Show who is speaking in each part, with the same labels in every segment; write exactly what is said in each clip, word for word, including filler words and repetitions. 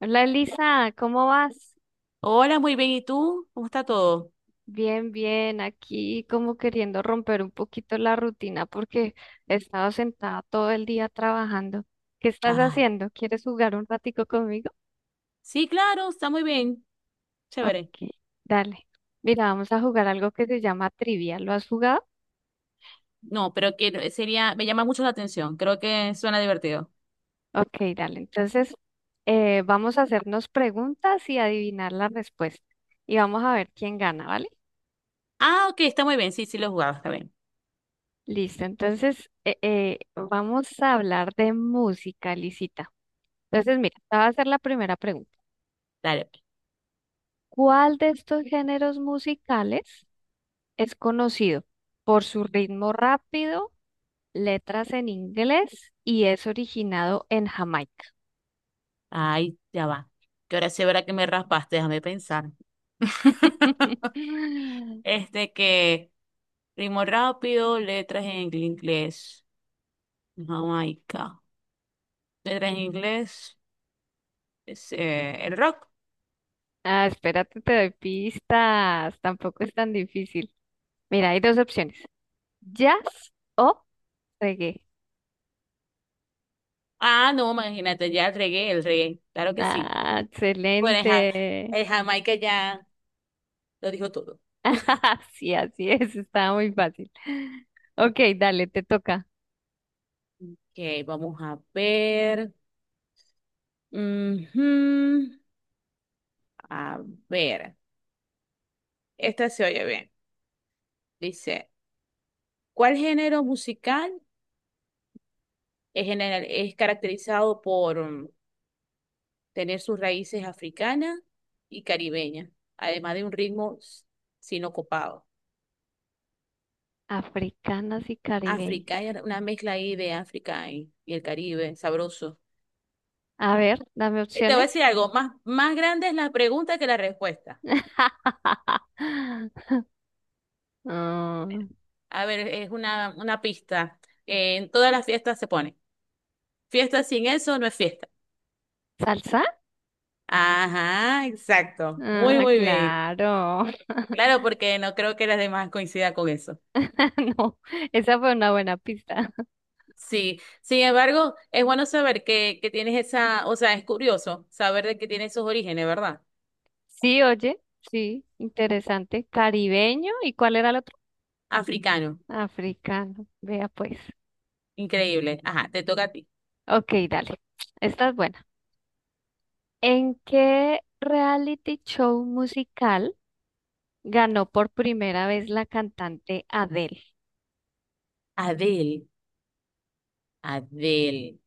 Speaker 1: Hola Elisa, ¿cómo vas?
Speaker 2: Hola, muy bien. ¿Y tú? ¿Cómo está todo?
Speaker 1: Bien, bien, aquí como queriendo romper un poquito la rutina porque he estado sentada todo el día trabajando. ¿Qué estás
Speaker 2: Ah,
Speaker 1: haciendo? ¿Quieres jugar un ratico conmigo?
Speaker 2: sí, claro, está muy bien. Chévere.
Speaker 1: Ok, dale. Mira, vamos a jugar algo que se llama trivia. ¿Lo has jugado?
Speaker 2: No, pero que sería, me llama mucho la atención. Creo que suena divertido.
Speaker 1: Ok, dale. Entonces, eh, vamos a hacernos preguntas y adivinar la respuesta. Y vamos a ver quién gana, ¿vale?
Speaker 2: Ah, ok, está muy bien. Sí, sí lo he jugado, está bien.
Speaker 1: Listo, entonces eh, eh, vamos a hablar de música, Lisita. Entonces, mira, te voy a hacer la primera pregunta.
Speaker 2: Dale, pues.
Speaker 1: ¿Cuál de estos géneros musicales es conocido por su ritmo rápido, letras en inglés y es originado en Jamaica?
Speaker 2: Ay, ya va. Que ahora sí verá que me raspaste, déjame pensar. Este que ritmo rápido, letras en inglés. Jamaica. Letras en inglés. Es, eh, el rock.
Speaker 1: Ah, espérate, te doy pistas. Tampoco es tan difícil. Mira, hay dos opciones: jazz o reggae.
Speaker 2: Ah, no, imagínate, ya el reggae, el reggae. Claro que sí.
Speaker 1: Ah,
Speaker 2: Bueno, el, Ja-
Speaker 1: excelente.
Speaker 2: el Jamaica ya lo dijo todo.
Speaker 1: Sí, así es, estaba muy fácil. Ok, dale, te toca.
Speaker 2: Ok, vamos a ver. Ujú. A ver. Esta se oye bien. Dice, ¿cuál género musical es, general- es caracterizado por mm, tener sus raíces africanas y caribeñas, además de un ritmo s- sinocopado?
Speaker 1: Africanas y caribeñas.
Speaker 2: Africana, una mezcla ahí de África y, y el Caribe, sabroso.
Speaker 1: A ver, dame
Speaker 2: Y te voy a
Speaker 1: opciones.
Speaker 2: decir algo, más, más grande es la pregunta que la respuesta.
Speaker 1: Ah,
Speaker 2: A ver, es una, una pista. Eh, en todas las fiestas se pone. Fiesta sin eso no es fiesta.
Speaker 1: ¿salsa?
Speaker 2: Ajá, exacto. Muy,
Speaker 1: Ah,
Speaker 2: muy bien.
Speaker 1: claro.
Speaker 2: Claro, porque no creo que las demás coincidan con eso.
Speaker 1: No, esa fue una buena pista.
Speaker 2: Sí, sin embargo, es bueno saber que, que tienes esa, o sea, es curioso saber de que tienes esos orígenes, ¿verdad?
Speaker 1: Sí, oye, sí, interesante. Caribeño, ¿y cuál era el otro?
Speaker 2: Africano,
Speaker 1: Africano, vea pues.
Speaker 2: increíble. Ajá, te toca a ti.
Speaker 1: Ok, dale. Esta es buena. ¿En qué reality show musical ganó por primera vez la cantante Adele?
Speaker 2: Adele, Adele.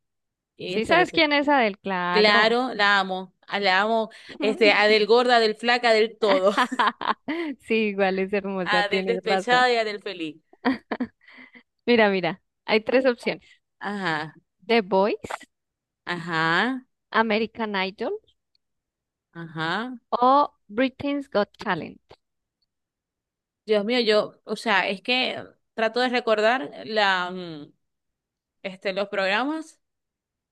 Speaker 1: Sí,
Speaker 2: Értale,
Speaker 1: sabes
Speaker 2: ese-
Speaker 1: quién es Adele, claro.
Speaker 2: Claro, la amo, la amo, este, Adele gorda, Adele flaca, del todo.
Speaker 1: Sí, igual es hermosa,
Speaker 2: A del
Speaker 1: tienes razón.
Speaker 2: despechado y a del feliz.
Speaker 1: Mira, mira, hay tres opciones.
Speaker 2: Ajá,
Speaker 1: The Voice,
Speaker 2: ajá,
Speaker 1: American Idol
Speaker 2: ajá.
Speaker 1: o Britain's Got Talent.
Speaker 2: Dios mío, yo, o sea, es que trato de recordar la, mm, este, los programas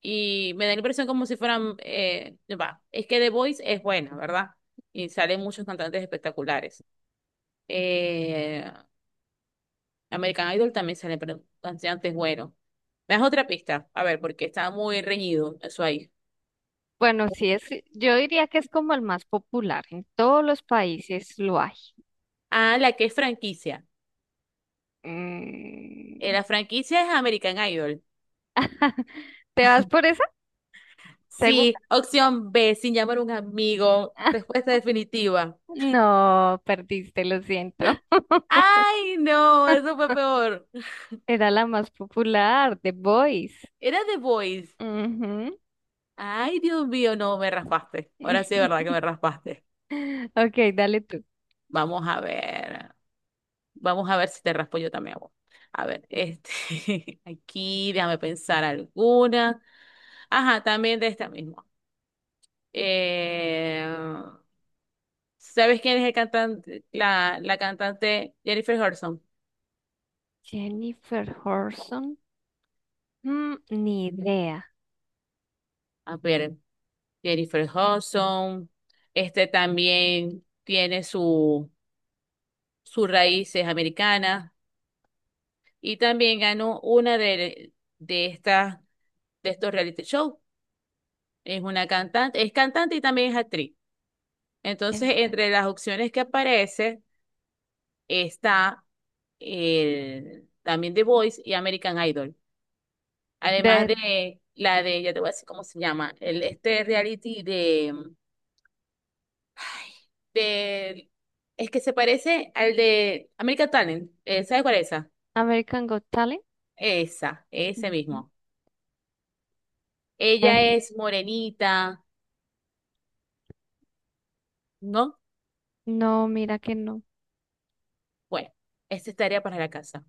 Speaker 2: y me da la impresión como si fueran, eh, va, es que The Voice es buena, ¿verdad? Y salen muchos cantantes espectaculares. Eh, American Idol también salen pero cantantes buenos. Me das otra pista, a ver, porque está muy reñido eso ahí.
Speaker 1: Bueno, sí es, yo diría que es como el más popular. En todos los países lo hay.
Speaker 2: Ah, la que es franquicia. Eh,
Speaker 1: Mm.
Speaker 2: la franquicia es American Idol.
Speaker 1: ¿Te vas por esa? ¿Segura?
Speaker 2: Sí, opción B, sin llamar a un amigo. Respuesta definitiva.
Speaker 1: No, perdiste, lo siento.
Speaker 2: Ay, no, eso fue peor.
Speaker 1: Era la más popular, The Voice.
Speaker 2: Era The Voice.
Speaker 1: Ujú.
Speaker 2: Ay, Dios mío, no, me raspaste. Ahora sí, es verdad que me raspaste.
Speaker 1: Ok, dale tú.
Speaker 2: Vamos a ver. Vamos a ver si te raspo yo también, amor. A ver, este, aquí, déjame pensar alguna. Ajá, también de esta misma. Eh, ¿sabes quién es el cantante, la, la cantante Jennifer Hudson?
Speaker 1: Jennifer Horson. Mm, ni idea.
Speaker 2: A ver. Jennifer Hudson, este también tiene su, sus raíces americanas y también ganó una de, de estas, de estos reality shows. Es una cantante, es cantante y también es actriz. Entonces,
Speaker 1: Jennifer-
Speaker 2: entre las opciones que aparece está el, también The Voice y American Idol. Además
Speaker 1: De
Speaker 2: de la de, ya te voy a decir cómo se llama, el, este reality de Ay, del- es que se parece al de American Talent. Eh, ¿sabes cuál es esa?
Speaker 1: American Got Talent.
Speaker 2: Esa, ese
Speaker 1: Ujú.
Speaker 2: mismo. Ella
Speaker 1: Eh,
Speaker 2: es morenita, ¿no?
Speaker 1: no, mira que no.
Speaker 2: Bueno, esa es tarea para la casa.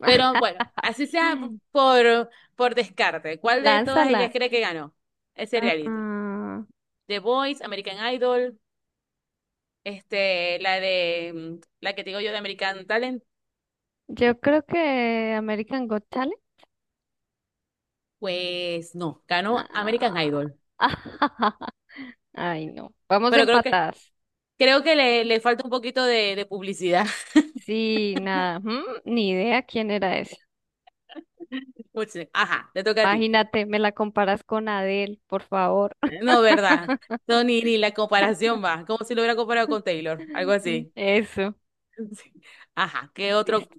Speaker 2: Pero bueno, así sea p- por, por descarte. ¿Cuál de todas
Speaker 1: Lánzala.
Speaker 2: ellas cree que ganó ese reality?
Speaker 1: Ah,
Speaker 2: The Voice, American Idol, este, la de mm, la que te digo yo de American Talent.
Speaker 1: yo creo que American Got Talent.
Speaker 2: Pues no, ganó American
Speaker 1: Ah.
Speaker 2: Idol.
Speaker 1: Ay, no. Vamos
Speaker 2: Pero creo que
Speaker 1: empatadas.
Speaker 2: Creo que le, le falta un poquito de, de publicidad.
Speaker 1: Sí, nada. Mm, ni idea quién era esa.
Speaker 2: Pues, sí. Ajá, te toca a ti.
Speaker 1: Imagínate, me la comparas con Adele, por favor.
Speaker 2: No, ¿verdad? No, ni, ni la comparación va. Como si lo hubiera comparado con Taylor, algo así.
Speaker 1: Eso.
Speaker 2: Sí. Ajá, ¿qué otro
Speaker 1: Listo.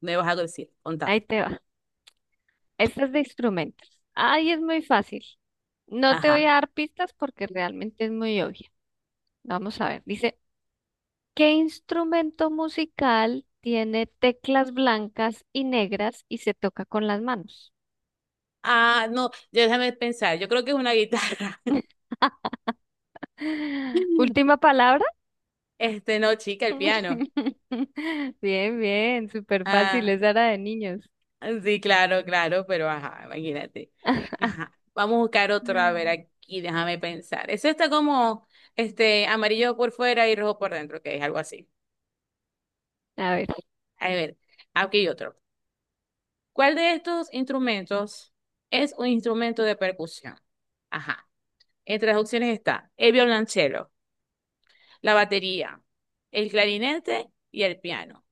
Speaker 2: me vas a decir? Contame.
Speaker 1: Ahí te va. Esta es de instrumentos. Ay, es muy fácil. No te
Speaker 2: Ajá.
Speaker 1: voy a dar pistas porque realmente es muy obvia. Vamos a ver. Dice, ¿qué instrumento musical tiene teclas blancas y negras y se toca con las manos?
Speaker 2: Ah, no, ya déjame pensar. Yo creo que es una guitarra.
Speaker 1: Última palabra.
Speaker 2: Este, no, chica, el piano.
Speaker 1: Bien, bien, súper fácil.
Speaker 2: Ah,
Speaker 1: Esa era de niños.
Speaker 2: sí, claro, claro, pero ajá, imagínate. Ajá, vamos a buscar otro, a ver aquí, déjame pensar. Eso está como este amarillo por fuera y rojo por dentro, que es algo así.
Speaker 1: A ver,
Speaker 2: A ver, aquí hay otro. ¿Cuál de estos instrumentos es un instrumento de percusión? Ajá. Entre las opciones está el violonchelo, la batería, el clarinete y el piano.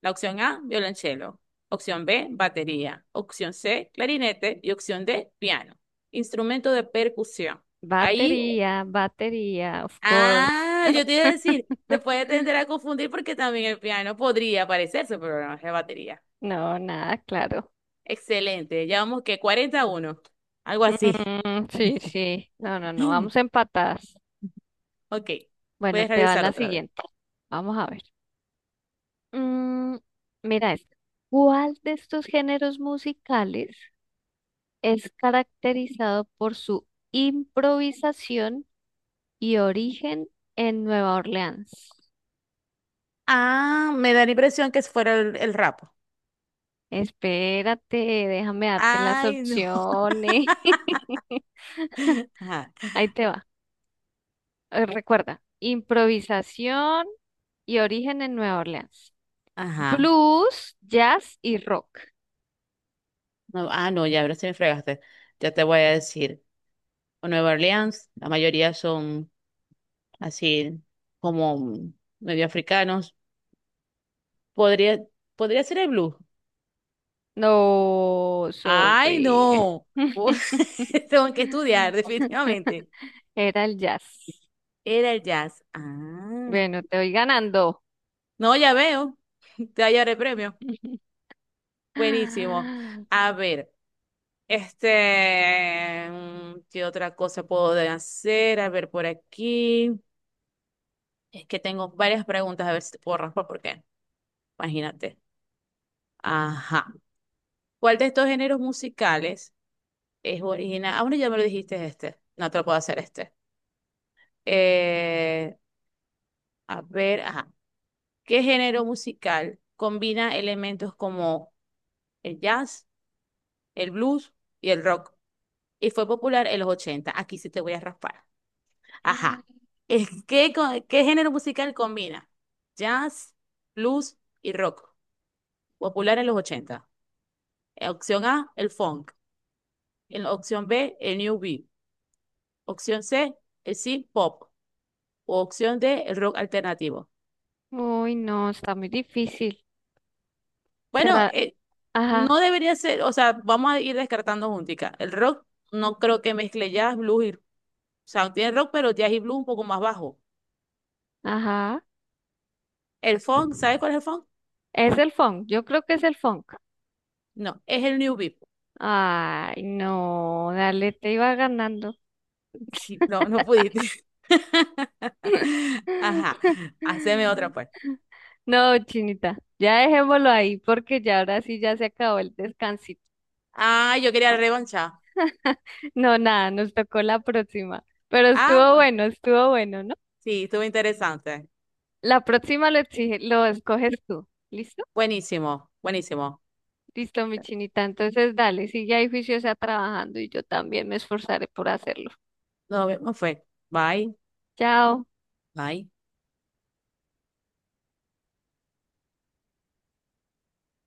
Speaker 2: La opción A, violonchelo. Opción B, batería. Opción C, clarinete. Y opción D, piano. Instrumento de percusión. Ahí,
Speaker 1: batería, batería, of course.
Speaker 2: ah, yo te iba a decir, se puede tender a confundir porque también el piano podría parecerse, pero no es de batería.
Speaker 1: No, nada, claro.
Speaker 2: Excelente. Ya vamos que cuarenta a uno algo así.
Speaker 1: Mm, sí, sí. No, no, no. Vamos empatadas.
Speaker 2: Ok,
Speaker 1: Bueno,
Speaker 2: puedes
Speaker 1: te va
Speaker 2: realizar
Speaker 1: la
Speaker 2: otra vez.
Speaker 1: siguiente. Vamos a ver. Mm, mira esta. ¿Cuál de estos géneros musicales es caracterizado por su improvisación y origen en Nueva Orleans?
Speaker 2: Ah, me da la impresión que fuera el, el rapo.
Speaker 1: Espérate, déjame darte las
Speaker 2: Ay, no.
Speaker 1: opciones.
Speaker 2: Ajá.
Speaker 1: Ahí te va. Eh, Recuerda, improvisación y origen en Nueva Orleans.
Speaker 2: Ajá.
Speaker 1: Blues, jazz y rock.
Speaker 2: No, ah, no, ya ahora sí me fregaste. Ya te voy a decir. O Nueva Orleans, la mayoría son así como medio africanos. Podría, podría ser el blues.
Speaker 1: No,
Speaker 2: Ay,
Speaker 1: sorry.
Speaker 2: no. Tengo que estudiar, definitivamente.
Speaker 1: Era el jazz.
Speaker 2: Era el jazz. Ah.
Speaker 1: Bueno, te voy ganando.
Speaker 2: No, ya veo. Te hallaré premio. Buenísimo. A ver, este, mm, ¿qué otra cosa puedo hacer? A ver, por aquí. Es que tengo varias preguntas, a ver si te puedo raspar, porque imagínate. Ajá. ¿Cuál de estos géneros musicales es original? Ah, bueno, ya me lo dijiste este. No te lo puedo hacer este. Eh, a ver, ajá. ¿Qué género musical combina elementos como el jazz, el blues y el rock? ¿Y fue popular en los ochenta? Aquí sí te voy a raspar. Ajá. Eh, ¿Qué, co- qué género musical combina jazz, blues y rock? Popular en los ochenta. Eh, Opción A, el funk. En la opción B, el new beat. Opción C, el synth pop. O opción de el rock alternativo.
Speaker 1: Uy, no, está muy difícil.
Speaker 2: Bueno,
Speaker 1: Será,
Speaker 2: eh,
Speaker 1: ajá,
Speaker 2: no debería ser, o sea, vamos a ir descartando juntica. El rock no creo que mezcle jazz, blues y, o sea, tiene rock, pero jazz y blues un poco más bajo.
Speaker 1: ajá.
Speaker 2: El funk, ¿sabes cuál es el funk?
Speaker 1: Es el funk, yo creo que es el funk.
Speaker 2: No, es el new beat.
Speaker 1: Ay, no, dale, te iba ganando.
Speaker 2: Sí, no, no pudiste. Ajá, haceme otra pues.
Speaker 1: No, Chinita, ya dejémoslo ahí porque ya ahora sí ya se acabó el descansito.
Speaker 2: Ah, yo quería revancha.
Speaker 1: No, nada, nos tocó la próxima. Pero
Speaker 2: Ah,
Speaker 1: estuvo
Speaker 2: bueno,
Speaker 1: bueno, estuvo bueno, ¿no?
Speaker 2: sí, estuvo interesante.
Speaker 1: La próxima lo exige, lo escoges tú. ¿Listo?
Speaker 2: Buenísimo, buenísimo.
Speaker 1: Listo, mi chinita. Entonces, dale, sigue ahí juiciosa trabajando y yo también me esforzaré por hacerlo.
Speaker 2: Nos vemos, fue. Bye,
Speaker 1: Chao.
Speaker 2: bye.